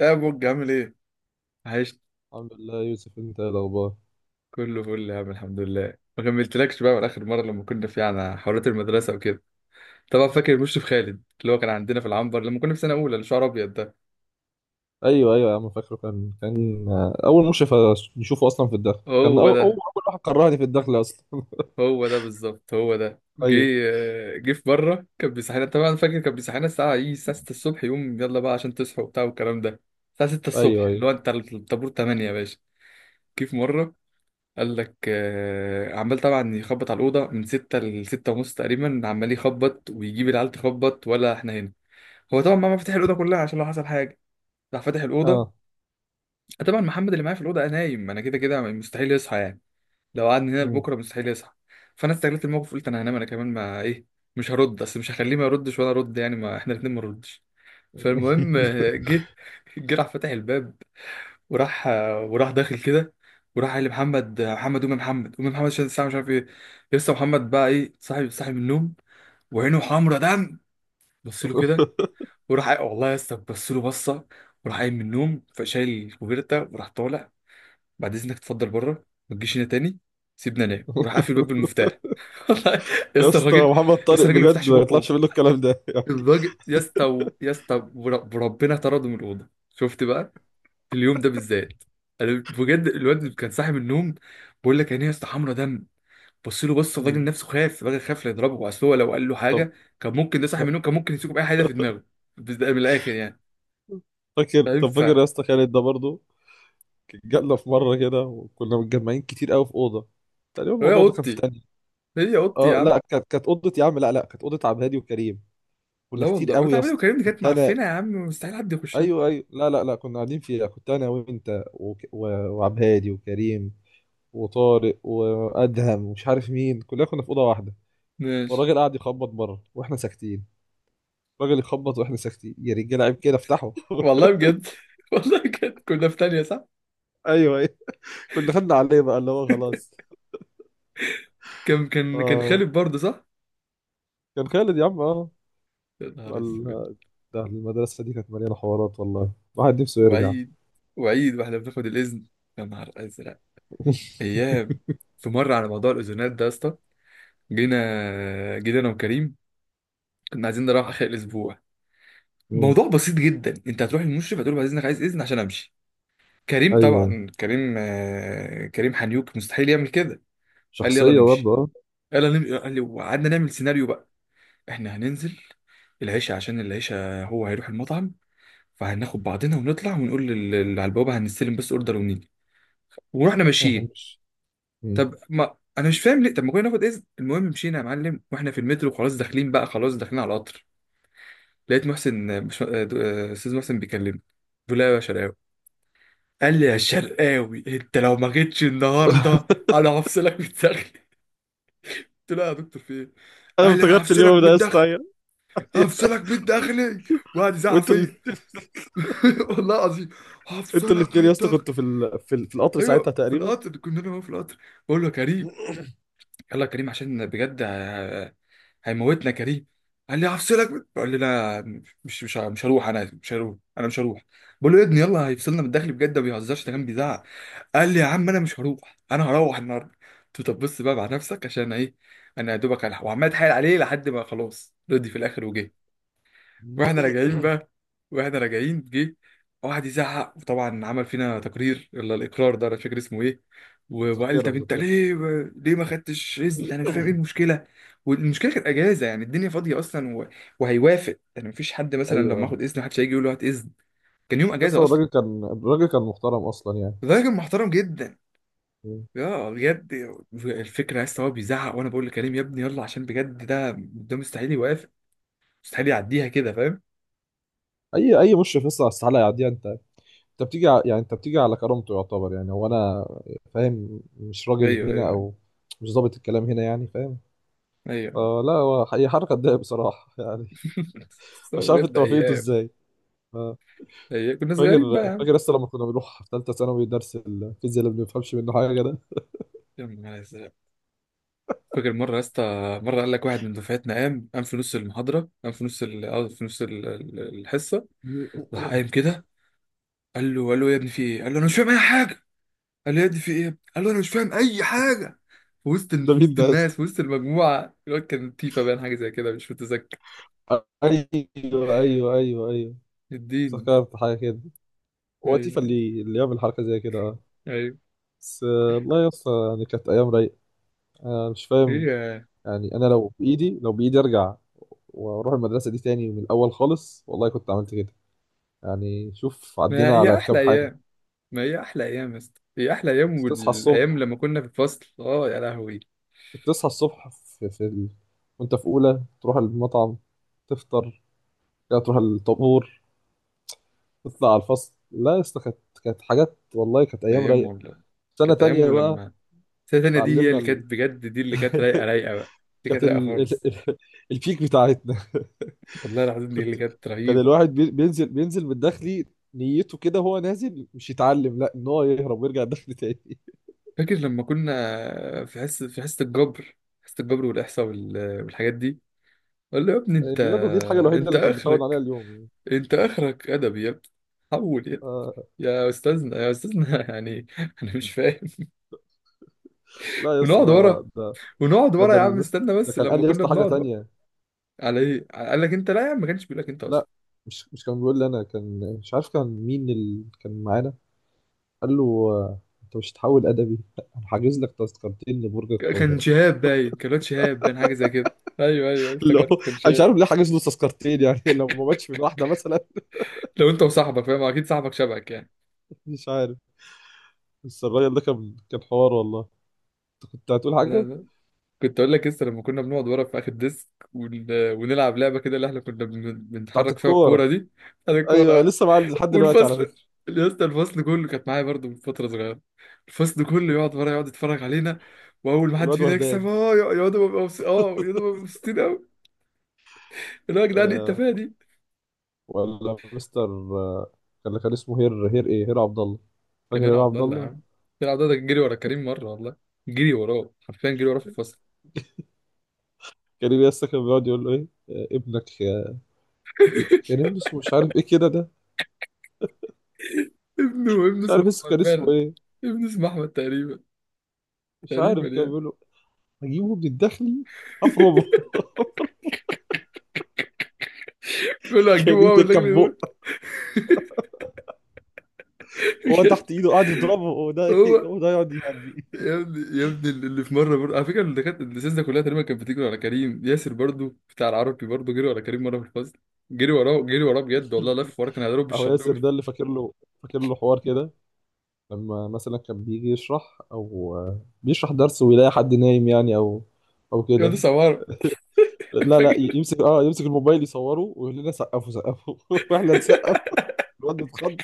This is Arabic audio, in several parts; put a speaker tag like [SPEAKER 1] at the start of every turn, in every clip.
[SPEAKER 1] يا بوج، عامل ايه؟ عايش،
[SPEAKER 2] الحمد لله يوسف، انت ايه الاخبار؟
[SPEAKER 1] كله فل يا عم الحمد لله. ما كملتلكش بقى من اخر مره لما كنا على حوارات المدرسه وكده. طبعا فاكر المشرف خالد اللي هو كان عندنا في العنبر لما كنا في سنه اولى، اللي شعره ابيض ده.
[SPEAKER 2] ايوه ايوه يا عم، فاكره كان اول مشرف نشوفه اصلا في الدخل، كان
[SPEAKER 1] هو
[SPEAKER 2] اول
[SPEAKER 1] ده،
[SPEAKER 2] واحد كرهني في الدخل اصلا.
[SPEAKER 1] هو ده بالظبط، هو ده. جه
[SPEAKER 2] ايوه،
[SPEAKER 1] جه في مره كان بيصحينا، طبعا فاكر، كان بيصحينا الساعه ايه، الساعه 6 الصبح، يقوم يلا بقى عشان تصحوا وبتاع والكلام ده. الساعه 6
[SPEAKER 2] ايوه،
[SPEAKER 1] الصبح،
[SPEAKER 2] ايوه،
[SPEAKER 1] اللي هو انت الطابور 8 يا باشا. كيف مره؟ قال لك عمال، طبعا يخبط على الأوضة من ستة لستة ونص تقريبا، عمال يخبط ويجيب العيال تخبط ولا احنا هنا. هو طبعا ما فتح الأوضة كلها عشان لو حصل حاجة، راح فاتح الأوضة.
[SPEAKER 2] اه.
[SPEAKER 1] طبعا محمد اللي معايا في الأوضة نايم، أنا كده كده مستحيل يصحى يعني، لو قعدنا هنا
[SPEAKER 2] مم.
[SPEAKER 1] لبكرة مستحيل يصحى. فأنا استغلت الموقف، قلت أنا هنام أنا كمان ما إيه، مش هرد، أصل مش هخليه ما يردش وأنا أرد، يعني ما احنا الاتنين ما نردش. فالمهم جه، جه راح فاتح الباب، وراح داخل كده، وراح قال لمحمد: محمد قوم يا محمد، قوم يا محمد، عشان الساعه مش عارف ايه. لسه محمد بقى ايه، صاحي صاحي من النوم، وعينه حمرا دم، بص له كده، وراح والله يا اسطى بص له بصه، وراح قايم من النوم، فشايل الكوفيرتا وراح طالع: بعد اذنك اتفضل بره، ما تجيش هنا تاني. سيبنا نام وراح قافل الباب بالمفتاح والله يا
[SPEAKER 2] يا
[SPEAKER 1] اسطى
[SPEAKER 2] اسطى،
[SPEAKER 1] الراجل.
[SPEAKER 2] محمد طارق
[SPEAKER 1] لسه الراجل ما
[SPEAKER 2] بجد
[SPEAKER 1] فتحش
[SPEAKER 2] ما
[SPEAKER 1] بقه،
[SPEAKER 2] يطلعش منه الكلام ده يعني.
[SPEAKER 1] الراجل يا اسطى يا اسطى وربنا طرده من الاوضه. شفت بقى في اليوم ده بالذات، انا بجد الواد كان صاحي من النوم، بقول لك عينيه يا اسطى حمرا دم، بص له، بص الراجل
[SPEAKER 2] مم.
[SPEAKER 1] نفسه، خاف الراجل، خاف لا يضربه، اصل هو لو قال له
[SPEAKER 2] طب
[SPEAKER 1] حاجه كان ممكن، ده صاحي من النوم كان ممكن يمسكه باي حاجه في دماغه. بس ده من الاخر يعني،
[SPEAKER 2] فاكر
[SPEAKER 1] فاهم؟
[SPEAKER 2] طب فاكر يا اسطى خالد ده برضه، جالنا في مره كده، وكنا متجمعين كتير قوي في اوضه. تقريبا
[SPEAKER 1] هي
[SPEAKER 2] الموضوع ده كان في
[SPEAKER 1] اوضتي،
[SPEAKER 2] تاني.
[SPEAKER 1] هي اوضتي يا
[SPEAKER 2] اه
[SPEAKER 1] عم.
[SPEAKER 2] لا، كانت اوضه يا عم. لا، لا، كانت اوضه عبد الهادي وكريم. كنا
[SPEAKER 1] لا
[SPEAKER 2] كتير
[SPEAKER 1] والله وانت
[SPEAKER 2] قوي يا
[SPEAKER 1] عمال
[SPEAKER 2] اسطى،
[SPEAKER 1] تكلمني، كانت
[SPEAKER 2] كنت انا.
[SPEAKER 1] معفنه يا عم، مستحيل حد يخشها.
[SPEAKER 2] ايوه ايوه، لا لا لا، كنا قاعدين فيها، كنت انا وانت وعبد هادي وكريم وطارق وادهم ومش عارف مين. كلنا كنا في اوضه واحده.
[SPEAKER 1] ماشي.
[SPEAKER 2] والراجل قاعد يخبط بره واحنا ساكتين. الراجل يخبط واحنا ساكتين، يا رجاله عيب كده، افتحوا.
[SPEAKER 1] والله بجد والله بجد كنا في تانية، صح.
[SPEAKER 2] ايوه ايوه، كنا خدنا عليه بقى اللي هو خلاص.
[SPEAKER 1] كان
[SPEAKER 2] اه،
[SPEAKER 1] خالد برضه، صح.
[SPEAKER 2] كان خالد يا عم، اه.
[SPEAKER 1] يا نهار اسود.
[SPEAKER 2] ال- ده المدرسه دي كانت مليانه حوارات، والله الواحد نفسه يرجع.
[SPEAKER 1] وعيد، وعيد واحنا بناخد الاذن. يا نهار ازرق. ايام. في مره على موضوع الاذونات ده يا اسطى، جينا انا وكريم، كنا عايزين نروح اخر الاسبوع.
[SPEAKER 2] مم.
[SPEAKER 1] موضوع بسيط جدا، انت هتروح للمشرف هتقول له بعد اذنك عايز اذن عشان امشي. كريم
[SPEAKER 2] ايوه ايوه،
[SPEAKER 1] طبعا، كريم كريم حنيوك مستحيل يعمل كده. قال لي يلا
[SPEAKER 2] شخصيه
[SPEAKER 1] نمشي،
[SPEAKER 2] برضه.
[SPEAKER 1] يلا نمشي قال لي، وقعدنا نعمل سيناريو بقى. احنا هننزل العشاء، عشان العشاء هو هيروح المطعم، فهناخد بعضنا ونطلع ونقول اللي على البوابه هنستلم بس اوردر ونيجي. ورحنا
[SPEAKER 2] اه،
[SPEAKER 1] ماشيين.
[SPEAKER 2] مش. مم.
[SPEAKER 1] طب ما انا مش فاهم ليه، طب ما كنا ناخد اذن. المهم مشينا يا معلم، واحنا في المترو خلاص داخلين بقى، خلاص داخلين على القطر، لقيت محسن مش... آه، دو- آه، استاذ محسن بيكلمني. بيقول لي: أيوة يا شرقاوي، قال لي يا شرقاوي انت لو ما جيتش النهارده انا هفصلك من الداخلي. قلت له يا دكتور في ايه؟
[SPEAKER 2] انا
[SPEAKER 1] قال لي انا
[SPEAKER 2] افتكرت
[SPEAKER 1] هفصلك
[SPEAKER 2] اليوم
[SPEAKER 1] من
[SPEAKER 2] ده يا اسطى.
[SPEAKER 1] الداخلي،
[SPEAKER 2] أيوة.
[SPEAKER 1] هفصلك من الداخلي، وقعد يزعق
[SPEAKER 2] وانتوا اللي...
[SPEAKER 1] فيا. والله العظيم،
[SPEAKER 2] انتوا
[SPEAKER 1] هفصلك من
[SPEAKER 2] الاثنين يا اسطى،
[SPEAKER 1] الداخلي.
[SPEAKER 2] كنتوا في القطر ساعتها
[SPEAKER 1] ايوه، في
[SPEAKER 2] تقريبا.
[SPEAKER 1] القطر كنا، انا وهو في القطر. بقول له يا كريم، يلا يا كريم عشان بجد هيموتنا يا كريم. قال لي هفصلك، بقول لي لا، مش هروح، انا مش هروح، انا مش هروح. بقول له يا ابني يلا، هيفصلنا من الداخل بجد، ما بيهزرش، ده كان بيزعق. قال لي يا عم انا مش هروح، انا هروح النهارده. قلت له طب بص بقى مع نفسك عشان ايه، انا يا دوبك هلحق. وعمال اتحايل عليه لحد ما خلاص رضي في الاخر وجه. واحنا راجعين بقى، واحنا راجعين جه واحد يزعق، وطبعا عمل فينا تقرير ولا الاقرار ده انا مش فاكر اسمه ايه. وقال
[SPEAKER 2] مذكرة
[SPEAKER 1] طب انت
[SPEAKER 2] مذكرة.
[SPEAKER 1] ليه، ليه ما خدتش اذن؟ انا مش فاهم ايه المشكله، والمشكله كانت اجازه، يعني الدنيا فاضيه اصلا، و... وهيوافق يعني، مفيش حد مثلا لما
[SPEAKER 2] ايوه،
[SPEAKER 1] اخد اذن محدش هيجي يقول له هات اذن. كان يوم اجازه
[SPEAKER 2] لسه
[SPEAKER 1] اصلا.
[SPEAKER 2] الراجل كان محترم اصلا يعني.
[SPEAKER 1] فده كان محترم جدا يا بجد. الفكره يا اسطى هو بيزعق وانا بقول لكريم يا ابني يلا، عشان بجد ده، ده مستحيل يوافق، مستحيل يعديها كده، فاهم.
[SPEAKER 2] اي مشرف لسه على السحالة يعديها انت؟ انت بتيجي ع- يعني انت بتيجي على كرامته، يعتبر يعني هو انا، فاهم؟ مش راجل
[SPEAKER 1] ايوه
[SPEAKER 2] هنا،
[SPEAKER 1] ايوه ايوه،
[SPEAKER 2] او مش ظابط الكلام هنا يعني، فاهم؟
[SPEAKER 1] أيوة.
[SPEAKER 2] فلا هو هي حركة تضايق بصراحة. يعني،
[SPEAKER 1] So
[SPEAKER 2] مش عارف
[SPEAKER 1] بجد
[SPEAKER 2] انت وافقته
[SPEAKER 1] ايام.
[SPEAKER 2] ازاي. ف-
[SPEAKER 1] إيه، كنا صغيرين
[SPEAKER 2] فاكر
[SPEAKER 1] بقى.
[SPEAKER 2] فاكر لسه لما كنا بنروح في ثالثة ثانوي درس الفيزياء اللي ما بنفهمش منه حاجة.
[SPEAKER 1] يا عم، يا نهار أزرق. فاكر مرة يا اسطى، مرة قال لك واحد من دفعتنا، قام في نص المحاضرة، قام في نص ال... آه، في نص الحصة، راح
[SPEAKER 2] ده
[SPEAKER 1] قايم كده، قال له، قال له يا ابني في ايه؟ قال له انا مش فاهم اي حاجة. قال له يا ابني في ايه؟ قال له انا مش فاهم اي حاجة. في
[SPEAKER 2] ده
[SPEAKER 1] في
[SPEAKER 2] مين
[SPEAKER 1] وسط
[SPEAKER 2] ده يا اسطى؟
[SPEAKER 1] الناس، في وسط المجموعة. الواد كان تيفا باين حاجة زي كده، مش متذكر.
[SPEAKER 2] ايوه ايوه ايوه ايوه،
[SPEAKER 1] اديني.
[SPEAKER 2] افتكرت حاجه كده. هو تيفا
[SPEAKER 1] ايوه
[SPEAKER 2] اللي يعمل حركه زي كده، اه.
[SPEAKER 1] ايوه.
[SPEAKER 2] بس والله يا اسطى يعني كانت ايام رايقه. انا مش فاهم.
[SPEAKER 1] هي،
[SPEAKER 2] يعني انا لو بايدي ارجع، واروح المدرسه دي تاني من الاول خالص، والله كنت عملت كده. يعني، شوف
[SPEAKER 1] ما
[SPEAKER 2] عدينا على
[SPEAKER 1] هي
[SPEAKER 2] كام
[SPEAKER 1] احلى
[SPEAKER 2] حاجه.
[SPEAKER 1] ايام، ما هي احلى ايام يا اسطى، هي احلى ايام،
[SPEAKER 2] كنت تصحى
[SPEAKER 1] والايام
[SPEAKER 2] الصبح
[SPEAKER 1] لما كنا في الفصل اه يا لهوي.
[SPEAKER 2] كنت تصحى الصبح. في, في ال... وانت في اولى تروح المطعم، تفطر، كده تروح الطابور، تطلع على الفصل. لا يا اسطى كانت، كانت حاجات والله، كانت ايام
[SPEAKER 1] ايام
[SPEAKER 2] رايقه.
[SPEAKER 1] والله.
[SPEAKER 2] سنة
[SPEAKER 1] كانت ايام.
[SPEAKER 2] تانية بقى،
[SPEAKER 1] ولما السنه التانيه دي، هي
[SPEAKER 2] اتعلمنا
[SPEAKER 1] اللي كانت بجد، دي اللي كانت رايقه، رايقه بقى، دي كانت
[SPEAKER 2] كانت
[SPEAKER 1] رايقه خالص.
[SPEAKER 2] البيك بتاعتنا.
[SPEAKER 1] والله العظيم دي اللي
[SPEAKER 2] كنت
[SPEAKER 1] كانت
[SPEAKER 2] كان
[SPEAKER 1] رهيبه.
[SPEAKER 2] الواحد بينزل من الداخلي، نيته كده هو نازل مش يتعلم، لا، ان هو يهرب ويرجع الداخل تاني.
[SPEAKER 1] فاكر لما كنا في حصه، الجبر، حصه الجبر والاحصاء والحاجات دي. قال له يا ابني انت،
[SPEAKER 2] الرياضة دي الحاجة الوحيدة اللي كانت بتعود عليها
[SPEAKER 1] اخرك،
[SPEAKER 2] اليوم يعني.
[SPEAKER 1] انت اخرك ادبي يا ابني، حول يا ابني.
[SPEAKER 2] آه
[SPEAKER 1] يا استاذنا، يا استاذنا يعني انا مش فاهم.
[SPEAKER 2] لا يا اسطى،
[SPEAKER 1] ونقعد ورا، ونقعد
[SPEAKER 2] ده
[SPEAKER 1] ورا
[SPEAKER 2] ده,
[SPEAKER 1] يا عم.
[SPEAKER 2] المس...
[SPEAKER 1] استنى
[SPEAKER 2] ده
[SPEAKER 1] بس،
[SPEAKER 2] كان قال
[SPEAKER 1] لما
[SPEAKER 2] لي يا
[SPEAKER 1] كنا
[SPEAKER 2] اسطى حاجة
[SPEAKER 1] بنقعد ورا،
[SPEAKER 2] تانية.
[SPEAKER 1] على ايه قال لك انت؟ لا يا عم ما كانش بيقول لك انت اصلا.
[SPEAKER 2] لا، مش كان بيقول لي انا، كان مش عارف كان مين اللي كان معانا. قال له: انت مش هتحول ادبي، لا، انا حاجز لك تذكرتين لبرج
[SPEAKER 1] كان
[SPEAKER 2] القاهرة.
[SPEAKER 1] شهاب باين، كان الواد شهاب باين حاجه زي كده. ايوه ايوه
[SPEAKER 2] اللي
[SPEAKER 1] افتكرت،
[SPEAKER 2] هو،
[SPEAKER 1] كان
[SPEAKER 2] انا مش
[SPEAKER 1] شهاب.
[SPEAKER 2] عارف ليه حاجز له تذكرتين يعني. لو ما ماتش من واحده مثلا.
[SPEAKER 1] لو انت وصاحبك، فاهم، اكيد صاحبك شبهك يعني.
[SPEAKER 2] مش عارف. بس الراجل ده كان حوار والله. كنت هتقول
[SPEAKER 1] لا
[SPEAKER 2] حاجه؟
[SPEAKER 1] لا، كنت اقول لك لسه، لما كنا بنقعد ورا في اخر ديسك ونلعب لعبه كده، اللي احنا كنا
[SPEAKER 2] بتاعت
[SPEAKER 1] بنتحرك فيها
[SPEAKER 2] الكوره.
[SPEAKER 1] الكوره دي. انا
[SPEAKER 2] ايوه،
[SPEAKER 1] الكوره.
[SPEAKER 2] لسه معاه لحد دلوقتي على
[SPEAKER 1] والفصل
[SPEAKER 2] فكره.
[SPEAKER 1] يا اسطى، الفصل كله كانت معايا برضه من فتره صغيره. الفصل كله يقعد ورا، يقعد يتفرج علينا، واول ما حد
[SPEAKER 2] الواد
[SPEAKER 1] فينا يكسب
[SPEAKER 2] وهدان.
[SPEAKER 1] اه يقعدوا ببقى مبسوطين قوي. اللي هو يا جدعان ايه
[SPEAKER 2] آه،
[SPEAKER 1] التفاهه دي.
[SPEAKER 2] ولا مستر. آه، كان اسمه هير عبد الله. فاكر
[SPEAKER 1] كان
[SPEAKER 2] هير
[SPEAKER 1] يلعب عبد
[SPEAKER 2] عبد
[SPEAKER 1] الله يا عم،
[SPEAKER 2] الله؟
[SPEAKER 1] يلعب عبد الله. ده كان جري ورا كريم مرة والله، جري وراه حرفيا، جري وراه في الفصل.
[SPEAKER 2] كان لسه كان بيقعد يقول له ايه: ابنك. كان ابنه اسمه مش عارف ايه كده ده.
[SPEAKER 1] ابنه
[SPEAKER 2] مش عارف
[SPEAKER 1] اسمه
[SPEAKER 2] لسه
[SPEAKER 1] احمد
[SPEAKER 2] كان اسمه
[SPEAKER 1] باين،
[SPEAKER 2] ايه.
[SPEAKER 1] ابنه اسمه احمد تقريبا،
[SPEAKER 2] مش
[SPEAKER 1] تقريبا
[SPEAKER 2] عارف كان
[SPEAKER 1] يعني.
[SPEAKER 2] بيقول له: هجيبه من الداخلي، هفرمه.
[SPEAKER 1] بيقول له هتجيبه
[SPEAKER 2] كان
[SPEAKER 1] هو
[SPEAKER 2] ده
[SPEAKER 1] من داخل
[SPEAKER 2] كان
[SPEAKER 1] يضرب.
[SPEAKER 2] بق هو تحت ايده قاعد يضربه، وده،
[SPEAKER 1] هو
[SPEAKER 2] وده يقعد يهري.
[SPEAKER 1] يا ابني، يا ابني، اللي في مره برضه على فكره، اللي كانت اللي ده كلها تقريبا كانت بتجري ورا كريم. ياسر برضه، بتاع العربي برضه، جري ورا كريم مره في الفصل، جري وراه، جري وراه بجد والله، لف وراه كان هيضرب
[SPEAKER 2] اهو ياسر
[SPEAKER 1] بالشلوت.
[SPEAKER 2] ده اللي فاكر له، فاكر له حوار كده لما مثلا كان بيجي يشرح او بيشرح درس ويلاقي حد نايم يعني، او او
[SPEAKER 1] يا دي
[SPEAKER 2] كده.
[SPEAKER 1] سماره.
[SPEAKER 2] لا لا،
[SPEAKER 1] فاكر.
[SPEAKER 2] يمسك يمسك الموبايل يصوره ويقول لنا: سقفوا سقفوا. واحنا نسقف. الواد اتخض.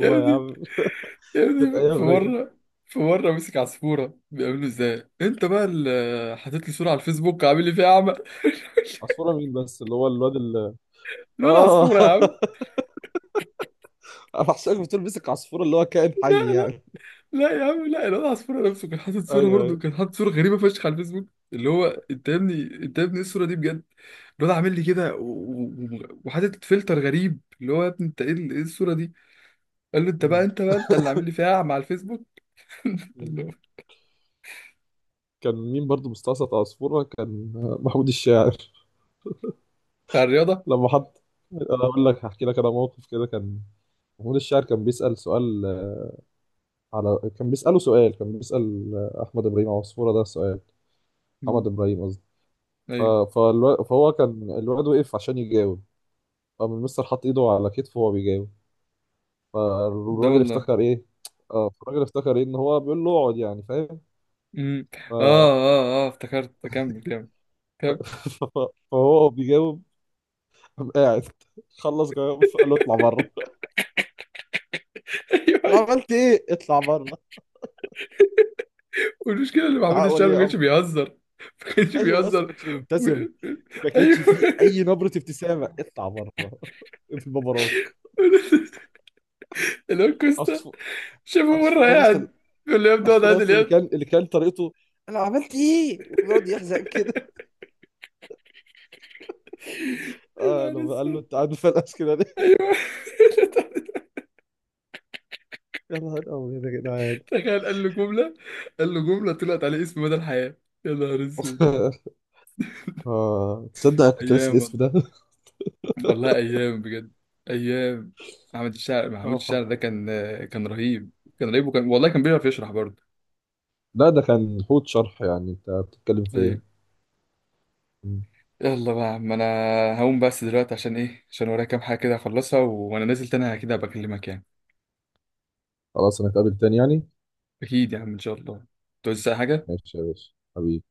[SPEAKER 1] يا
[SPEAKER 2] يا
[SPEAKER 1] ابني،
[SPEAKER 2] عم،
[SPEAKER 1] يا
[SPEAKER 2] كانت
[SPEAKER 1] ابني،
[SPEAKER 2] ايام رايقه.
[SPEAKER 1] في مرة مسك عصفورة، بيقابله ازاي؟ انت بقى اللي حاطط لي صورة على الفيسبوك، عامل لي فيها اعمى.
[SPEAKER 2] عصفوره مين بس، اللي هو الواد اللي...
[SPEAKER 1] لون
[SPEAKER 2] اه.
[SPEAKER 1] عصفورة يا عم.
[SPEAKER 2] انا حاسسك بتقول مسك عصفوره اللي هو كائن حي يعني.
[SPEAKER 1] لا يا عم، لا، الواد عصفورة نفسه كان حاطط صورة،
[SPEAKER 2] ايوه
[SPEAKER 1] برضه
[SPEAKER 2] ايوه.
[SPEAKER 1] كان حاطط صورة غريبة فشخ على الفيسبوك، اللي هو انت يا ابني، انت يا ابني ايه الصورة دي بجد؟ الواد عامل لي كده، وحاطط فلتر غريب، اللي هو يا ابني انت ايه ايه الصورة دي؟ قال له انت بقى،
[SPEAKER 2] م-
[SPEAKER 1] انت بقى انت اللي عامل لي فيها اعمى على الفيسبوك.
[SPEAKER 2] م.
[SPEAKER 1] قال له.
[SPEAKER 2] كان مين برضو مستعصي؟ عصفوره كان محمود الشاعر.
[SPEAKER 1] بتاع الرياضة.
[SPEAKER 2] لما حط، انا اقول لك، هحكي لك انا موقف كده، كان محمود الشاعر كان بيسأل سؤال. كان بيسأله سؤال، كان بيسأل احمد ابراهيم عصفورة ده سؤال. محمد
[SPEAKER 1] مم.
[SPEAKER 2] ابراهيم قصدي.
[SPEAKER 1] ايوه،
[SPEAKER 2] فهو كان، الواد وقف عشان يجاوب، قام المستر حط ايده على كتفه وهو بيجاوب.
[SPEAKER 1] ده
[SPEAKER 2] فالراجل
[SPEAKER 1] والله.
[SPEAKER 2] افتكر ايه؟ اه، الراجل افتكر ايه، ان هو بيقول له اقعد يعني، فاهم؟
[SPEAKER 1] مم.
[SPEAKER 2] ف...
[SPEAKER 1] اه، اه افتكرت، كمل كمل.
[SPEAKER 2] فهو بيجاوب، قام قاعد، خلص جواب، قال له: اطلع بره.
[SPEAKER 1] ايوه أيوة.
[SPEAKER 2] عملت ايه؟ اطلع بره.
[SPEAKER 1] والمشكله ان محمود
[SPEAKER 2] ده
[SPEAKER 1] الشاعر
[SPEAKER 2] ولي
[SPEAKER 1] ما كانش
[SPEAKER 2] امر.
[SPEAKER 1] بيهزر، ما كانش
[SPEAKER 2] ايوه يا اسطى،
[SPEAKER 1] بيهزر.
[SPEAKER 2] كانش
[SPEAKER 1] و...
[SPEAKER 2] بيبتسم، ما كانتش في اي
[SPEAKER 1] ايوه.
[SPEAKER 2] نبره ابتسامه. اطلع بره. في بابراك.
[SPEAKER 1] اللي هو كوستا
[SPEAKER 2] عصفور،
[SPEAKER 1] شافه مره
[SPEAKER 2] عصفور يا اسطى.
[SPEAKER 1] قاعد، بيقول له يا ابني اقعد
[SPEAKER 2] عصفور يا
[SPEAKER 1] عادل
[SPEAKER 2] اسطى اللي
[SPEAKER 1] اليد.
[SPEAKER 2] كان اللي كان طريقته، انا عملت ايه، وبيقعد يحزق كده.
[SPEAKER 1] يا
[SPEAKER 2] اه،
[SPEAKER 1] نهار
[SPEAKER 2] لما قال له:
[SPEAKER 1] اسود.
[SPEAKER 2] انت عامل فلقس كده ليه؟
[SPEAKER 1] ايوه.
[SPEAKER 2] يا نهار ابيض يا جدعان.
[SPEAKER 1] تخيل قال له جمله، قال له جمله طلعت عليه اسم مدى الحياه. يا نهار اسود.
[SPEAKER 2] اه، تصدق؟ أنا كنت ناسي
[SPEAKER 1] ايام
[SPEAKER 2] الاسم
[SPEAKER 1] والله،
[SPEAKER 2] ده.
[SPEAKER 1] والله ايام بجد، ايام. محمد الشاعر، محمود الشاعر
[SPEAKER 2] حق.
[SPEAKER 1] ده كان، كان رهيب، كان رهيب، وكان والله كان بيعرف يشرح برضه.
[SPEAKER 2] لا ده كان حوت شرح، يعني انت بتتكلم في ايه؟
[SPEAKER 1] طيب.
[SPEAKER 2] مم.
[SPEAKER 1] يلا بقى يا عم، انا هقوم بس دلوقتي عشان ايه، عشان ورايا كام حاجه كده اخلصها، وانا نازل تاني كده بكلمك يعني.
[SPEAKER 2] خلاص، انا اتقابل تاني يعني.
[SPEAKER 1] اكيد يا عم ان شاء الله. توزع حاجه.
[SPEAKER 2] ماشي يا باشا حبيبي.